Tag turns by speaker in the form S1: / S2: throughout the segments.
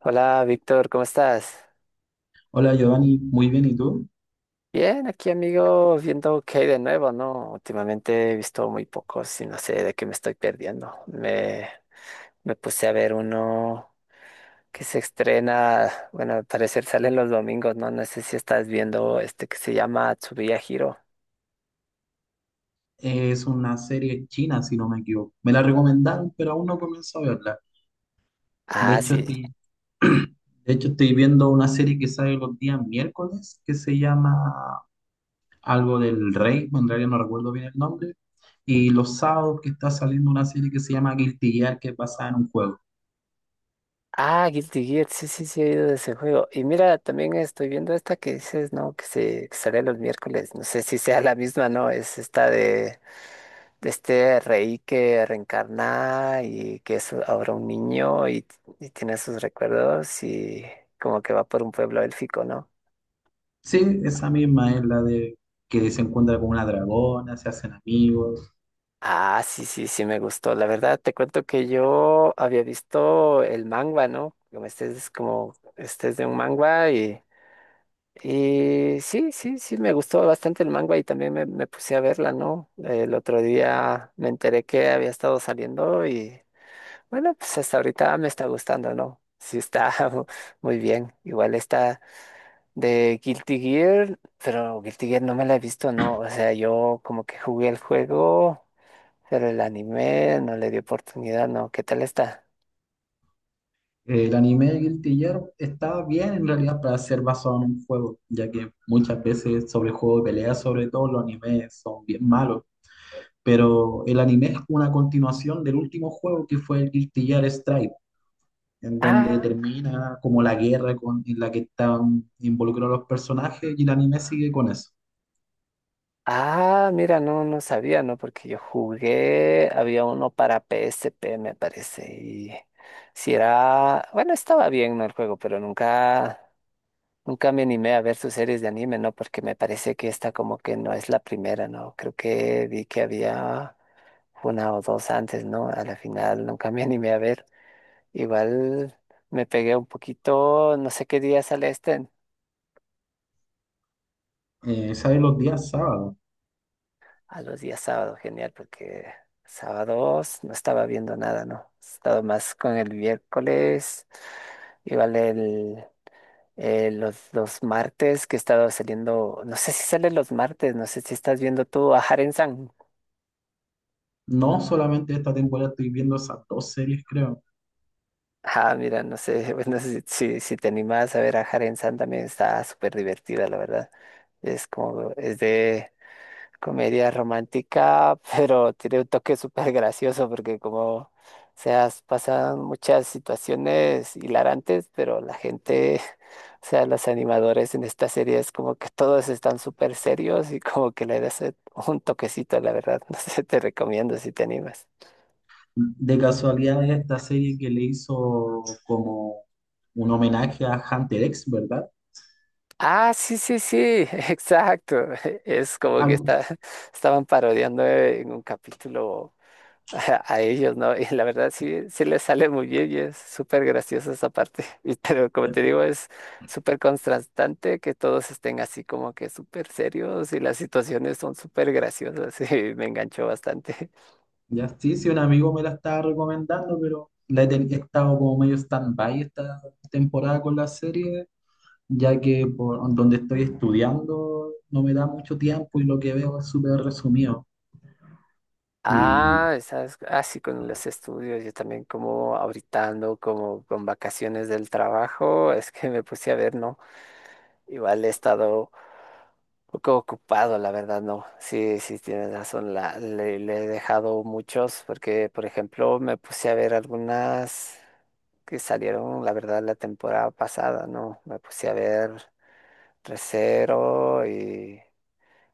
S1: Hola, Víctor, ¿cómo estás?
S2: Hola Giovanni, muy bien, ¿y tú?
S1: Bien, aquí amigo, viendo qué hay de nuevo, ¿no? Últimamente he visto muy pocos y no sé de qué me estoy perdiendo. Me puse a ver uno que se estrena, bueno, al parecer salen los domingos, ¿no? No sé si estás viendo este que se llama Tsubuya Hero.
S2: Es una serie china, si no me equivoco. Me la recomendaron, pero aún no comienzo a verla. De
S1: Ah,
S2: hecho,
S1: sí.
S2: estoy, de hecho, estoy viendo una serie que sale los días miércoles, que se llama algo del rey, en realidad no recuerdo bien el nombre. Y los sábados que está saliendo una serie que se llama Guilty Gear, que es basada en un juego.
S1: Ah, Guilty Gear, sí, sí, sí, he oído de ese juego. Y mira, también estoy viendo esta que dices, ¿no? Que sale los miércoles. No sé si sea la misma, ¿no? Es esta de este rey que reencarna y que es ahora un niño y tiene sus recuerdos y como que va por un pueblo élfico, ¿no?
S2: Sí, esa misma es la de que se encuentra con una dragona, se hacen amigos.
S1: Ah, sí, sí, sí, me gustó. La verdad, te cuento que yo había visto el manga, ¿no? Como este es de un manga y sí, sí, sí, me gustó bastante el manga y también me puse a verla, ¿no? El otro día me enteré que había estado saliendo y bueno, pues hasta ahorita me está gustando, ¿no? Sí está muy bien. Igual está de Guilty Gear, pero Guilty Gear no me la he visto, ¿no? O sea, yo como que jugué el juego, pero el anime no le di oportunidad, ¿no? ¿Qué tal está?
S2: El anime de Guilty Gear está bien en realidad para ser basado en un juego, ya que muchas veces sobre el juego de pelea, sobre todo los animes son bien malos, pero el anime es una continuación del último juego que fue el Guilty Gear Strive, en donde
S1: Ah,
S2: termina como la guerra con, en la que están involucrados los personajes y el anime sigue con eso.
S1: ah, mira, no, no sabía, ¿no? Porque yo jugué, había uno para PSP, me parece, y si era, bueno, estaba bien, ¿no? El juego, pero nunca me animé a ver sus series de anime, ¿no? Porque me parece que esta como que no es la primera, ¿no? Creo que vi que había una o dos antes, ¿no? A la final nunca me animé a ver. Igual me pegué un poquito, no sé qué día sale este,
S2: Sale los días sábados.
S1: a los días sábado genial, porque sábados no estaba viendo nada, ¿no? He estado más con el miércoles, igual el los martes que he estado saliendo, no sé si sale los martes, no sé si estás viendo tú a Haren-san.
S2: No solamente esta temporada estoy viendo esas dos series, creo.
S1: Ah, mira, no sé, bueno, si te animas a ver a Haren San también está súper divertida, la verdad. Es de comedia romántica, pero tiene un toque súper gracioso porque como, o sea, pasan muchas situaciones hilarantes, pero la gente, o sea, los animadores en esta serie es como que todos están súper serios y como que le das un toquecito, la verdad. No sé, te recomiendo si te animas.
S2: De casualidad es esta serie que le hizo como un homenaje a Hunter X, ¿verdad?
S1: Ah, sí, sí, sí, exacto. Es como que
S2: Algo.
S1: estaban parodiando en un capítulo a ellos, ¿no? Y la verdad sí, sí les sale muy bien y es súper graciosa esa parte. Y, pero como
S2: Ya,
S1: te digo, es súper contrastante que todos estén así como que súper serios y las situaciones son súper graciosas y me enganchó bastante.
S2: ya, sí, sí, un amigo me la estaba recomendando, pero he estado como medio stand-by esta temporada con la serie, ya que por donde estoy estudiando no me da mucho tiempo y lo que veo es súper resumido. Y
S1: Ah, ¿sabes? Así con los estudios, yo también como ahorita ando como con vacaciones del trabajo, es que me puse a ver, ¿no? Igual he estado un poco ocupado, la verdad, no. Sí, sí, tienes razón. Le he dejado muchos porque, por ejemplo, me puse a ver algunas que salieron, la verdad, la temporada pasada, ¿no? Me puse a ver Recero y,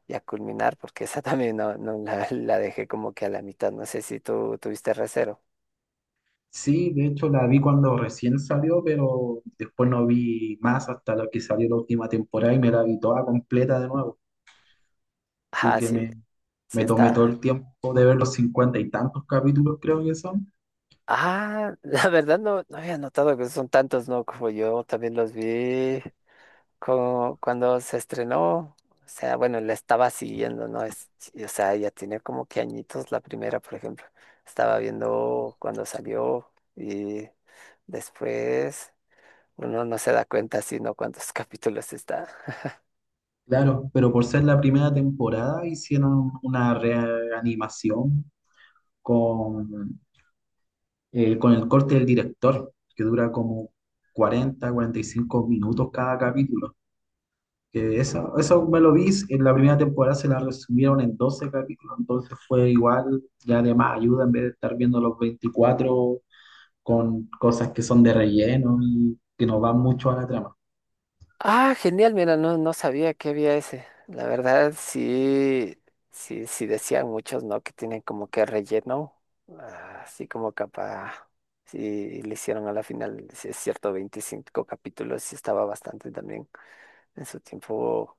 S1: y a culminar porque esa también no la dejé como que a la mitad. No sé si tú tuviste Recero.
S2: sí, de hecho la vi cuando recién salió, pero después no vi más hasta lo que salió la última temporada y me la vi toda completa de nuevo. Así
S1: Ah,
S2: que
S1: sí,
S2: me,
S1: sí
S2: me tomé todo
S1: está.
S2: el tiempo de ver los cincuenta y tantos capítulos, creo que son.
S1: Ah, la verdad no, no había notado que son tantos, ¿no? Como yo también los vi cuando se estrenó, o sea, bueno, la estaba siguiendo, ¿no? Sí, o sea, ya tenía como que añitos la primera, por ejemplo. Estaba viendo cuando salió y después uno no se da cuenta sino cuántos capítulos está.
S2: Claro, pero por ser la primera temporada hicieron una reanimación con, con el corte del director, que dura como 40 45 minutos cada capítulo. Que eso me lo vi, en la primera temporada se la resumieron en 12 capítulos, entonces fue igual, ya de más ayuda en vez de estar viendo los 24 con cosas que son de relleno y que no van mucho a la trama.
S1: Ah, genial, mira, no, no sabía que había ese. La verdad, sí, sí, sí decían muchos, ¿no? Que tienen como que relleno, ah, así como capa, sí, le hicieron a la final, si es cierto, 25 capítulos, sí estaba bastante también en su tiempo,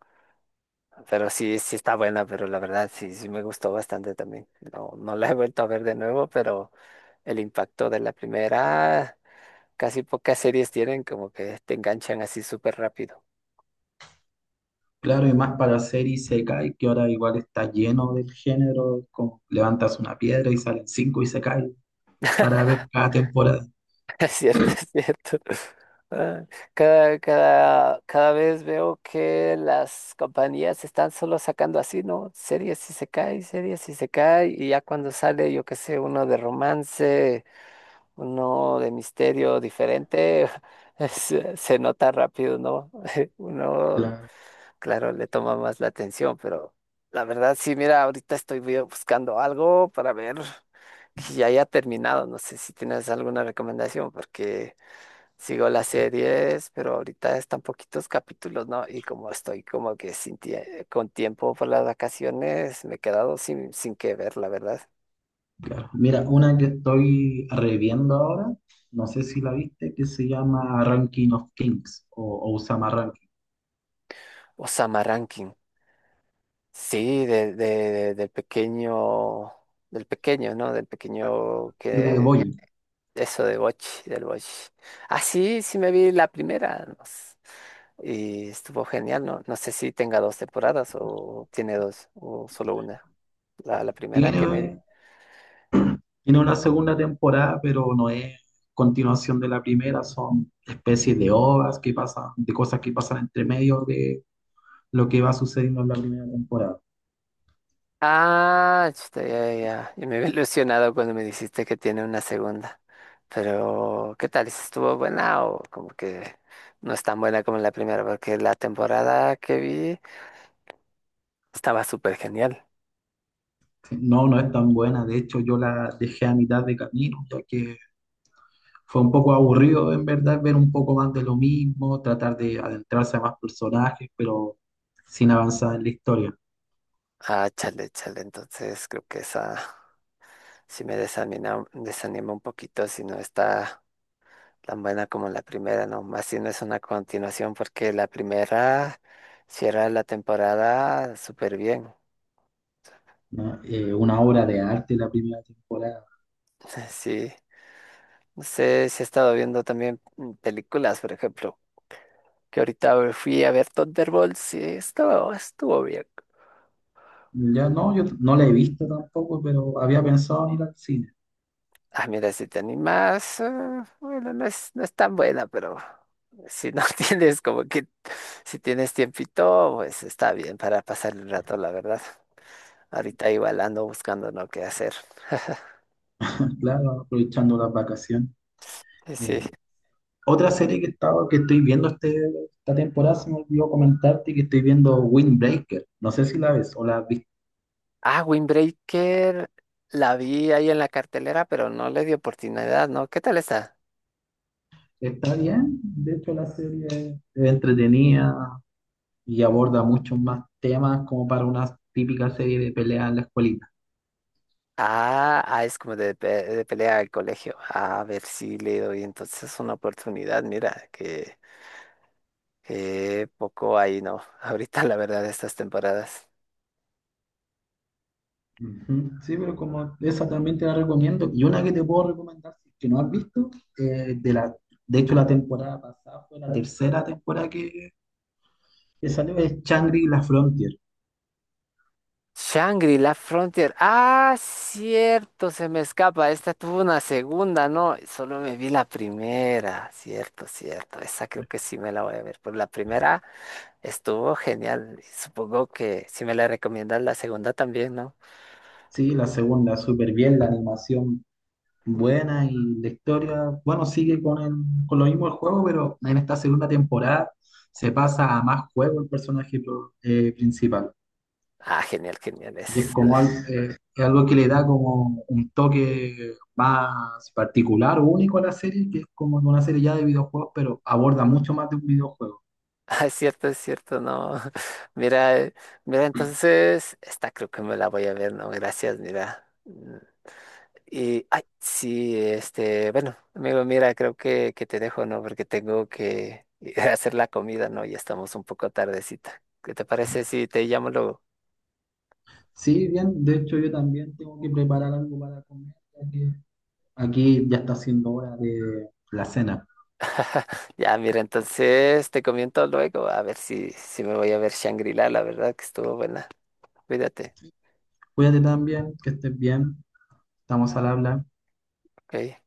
S1: pero sí, sí está buena, pero la verdad, sí, sí me gustó bastante también. No, no la he vuelto a ver de nuevo, pero el impacto de la primera, casi pocas series tienen como que te enganchan así súper rápido.
S2: Claro, y más para hacer Isekai, que ahora igual está lleno del género, como levantas una piedra y salen cinco Isekai para ver cada temporada.
S1: Es cierto, es cierto. Ah, Cada vez veo que las compañías están solo sacando así, ¿no? Series y se cae, series y se cae, y ya cuando sale, yo qué sé, uno de romance, uno de misterio diferente, se nota rápido, ¿no? Uno,
S2: Claro,
S1: claro, le toma más la atención, pero la verdad, sí, mira, ahorita estoy buscando algo para ver que ya haya terminado. No sé si tienes alguna recomendación, porque sigo las series, pero ahorita están poquitos capítulos, ¿no? Y como estoy como que sin tie- con tiempo por las vacaciones, me he quedado sin qué ver, la verdad.
S2: claro. Mira, una que estoy reviendo ahora, no sé si la viste, que se llama Ranking of Kings o Osama Ranking,
S1: Osama Rankin, sí, del pequeño, ¿no? Del pequeño
S2: y de
S1: que
S2: Boyu.
S1: eso de Boch, del Boch. Ah, sí, sí me vi la primera, no s- y estuvo genial, ¿no? No sé si tenga dos temporadas o tiene dos, o solo una, la primera que me vi.
S2: Tiene, tiene una segunda temporada, pero no es continuación de la primera, son especies de ovas que pasan, de cosas que pasan entre medio de lo que va sucediendo en la primera temporada.
S1: Ah, chuta, ya, ya. Yo me había ilusionado cuando me dijiste que tiene una segunda. Pero, ¿qué tal? ¿Si ¿Estuvo buena o como que no es tan buena como la primera? Porque la temporada que vi estaba súper genial.
S2: No, no es tan buena. De hecho, yo la dejé a mitad de camino, ya que fue un poco aburrido, en verdad, ver un poco más de lo mismo, tratar de adentrarse a más personajes, pero sin avanzar en la historia.
S1: Ah, chale, chale. Entonces creo que esa sí me desanima un poquito si no está tan buena como la primera, ¿no? Más si no es una continuación porque la primera cierra la temporada súper bien.
S2: ¿No? Una obra de arte la primera temporada.
S1: Sí. No sé si he estado viendo también películas, por ejemplo, que ahorita fui a ver Thunderbolts y estuvo bien.
S2: Ya no, yo no la he visto tampoco, pero había pensado en ir al cine,
S1: Ah, mira, si te animas, ah, bueno, no es tan buena, pero si no tienes como que, si tienes tiempito, pues está bien para pasar el rato, la verdad. Ahorita igual ando buscando no qué hacer.
S2: claro, aprovechando las vacaciones.
S1: Sí, sí.
S2: Eh, otra serie que estoy viendo esta temporada, se me olvidó comentarte que estoy viendo Windbreaker. No sé si la ves o la has visto.
S1: Ah, Windbreaker, la vi ahí en la cartelera, pero no le di oportunidad, ¿no? ¿Qué tal está?
S2: Está bien, de hecho la serie es entretenida y aborda muchos más temas como para una típica serie de pelea en la escuelita.
S1: Ah, es como de pelea al colegio. A ver si le doy entonces una oportunidad. Mira, que poco ahí no. Ahorita, la verdad, estas temporadas.
S2: Ujú. Sí, pero como esa también te la recomiendo. Y una que te puedo recomendar, si es que no has visto, eh, de la, de hecho la temporada pasada fue la tercera temporada que salió, es Shangri-La Frontier.
S1: Shangri-La Frontier. Ah, cierto, se me escapa. Esta tuvo una segunda, ¿no? Solo me vi la primera. Cierto, cierto. Esa creo que sí me la voy a ver. Por la primera estuvo genial. Supongo que si me la recomiendas, la segunda también, ¿no?
S2: Sí, la segunda, súper bien, la animación buena y la historia, bueno, sigue con lo mismo el juego, pero en esta segunda temporada se pasa a más juego el personaje principal.
S1: Ah, genial, genial. Es
S2: Es algo que le da como un toque más particular o único a la serie, que es como una serie ya de videojuegos, pero aborda mucho más de un videojuego.
S1: Ah, es cierto, no. Mira, entonces, esta creo que me la voy a ver, no, gracias, mira. Y, ay, sí, este, bueno, amigo, mira, creo que te dejo, ¿no? Porque tengo que ir a hacer la comida, ¿no? Ya estamos un poco tardecita. ¿Qué te parece si te llamo luego?
S2: Sí, bien, de hecho yo también tengo que preparar algo para comer, ya que aquí ya está siendo hora de la cena.
S1: Ya, mira, entonces te comento luego, a ver si me voy a ver Shangri-La, la verdad que estuvo buena. Cuídate,
S2: Cuídate también, que estés bien. Estamos al habla.
S1: ¿ok?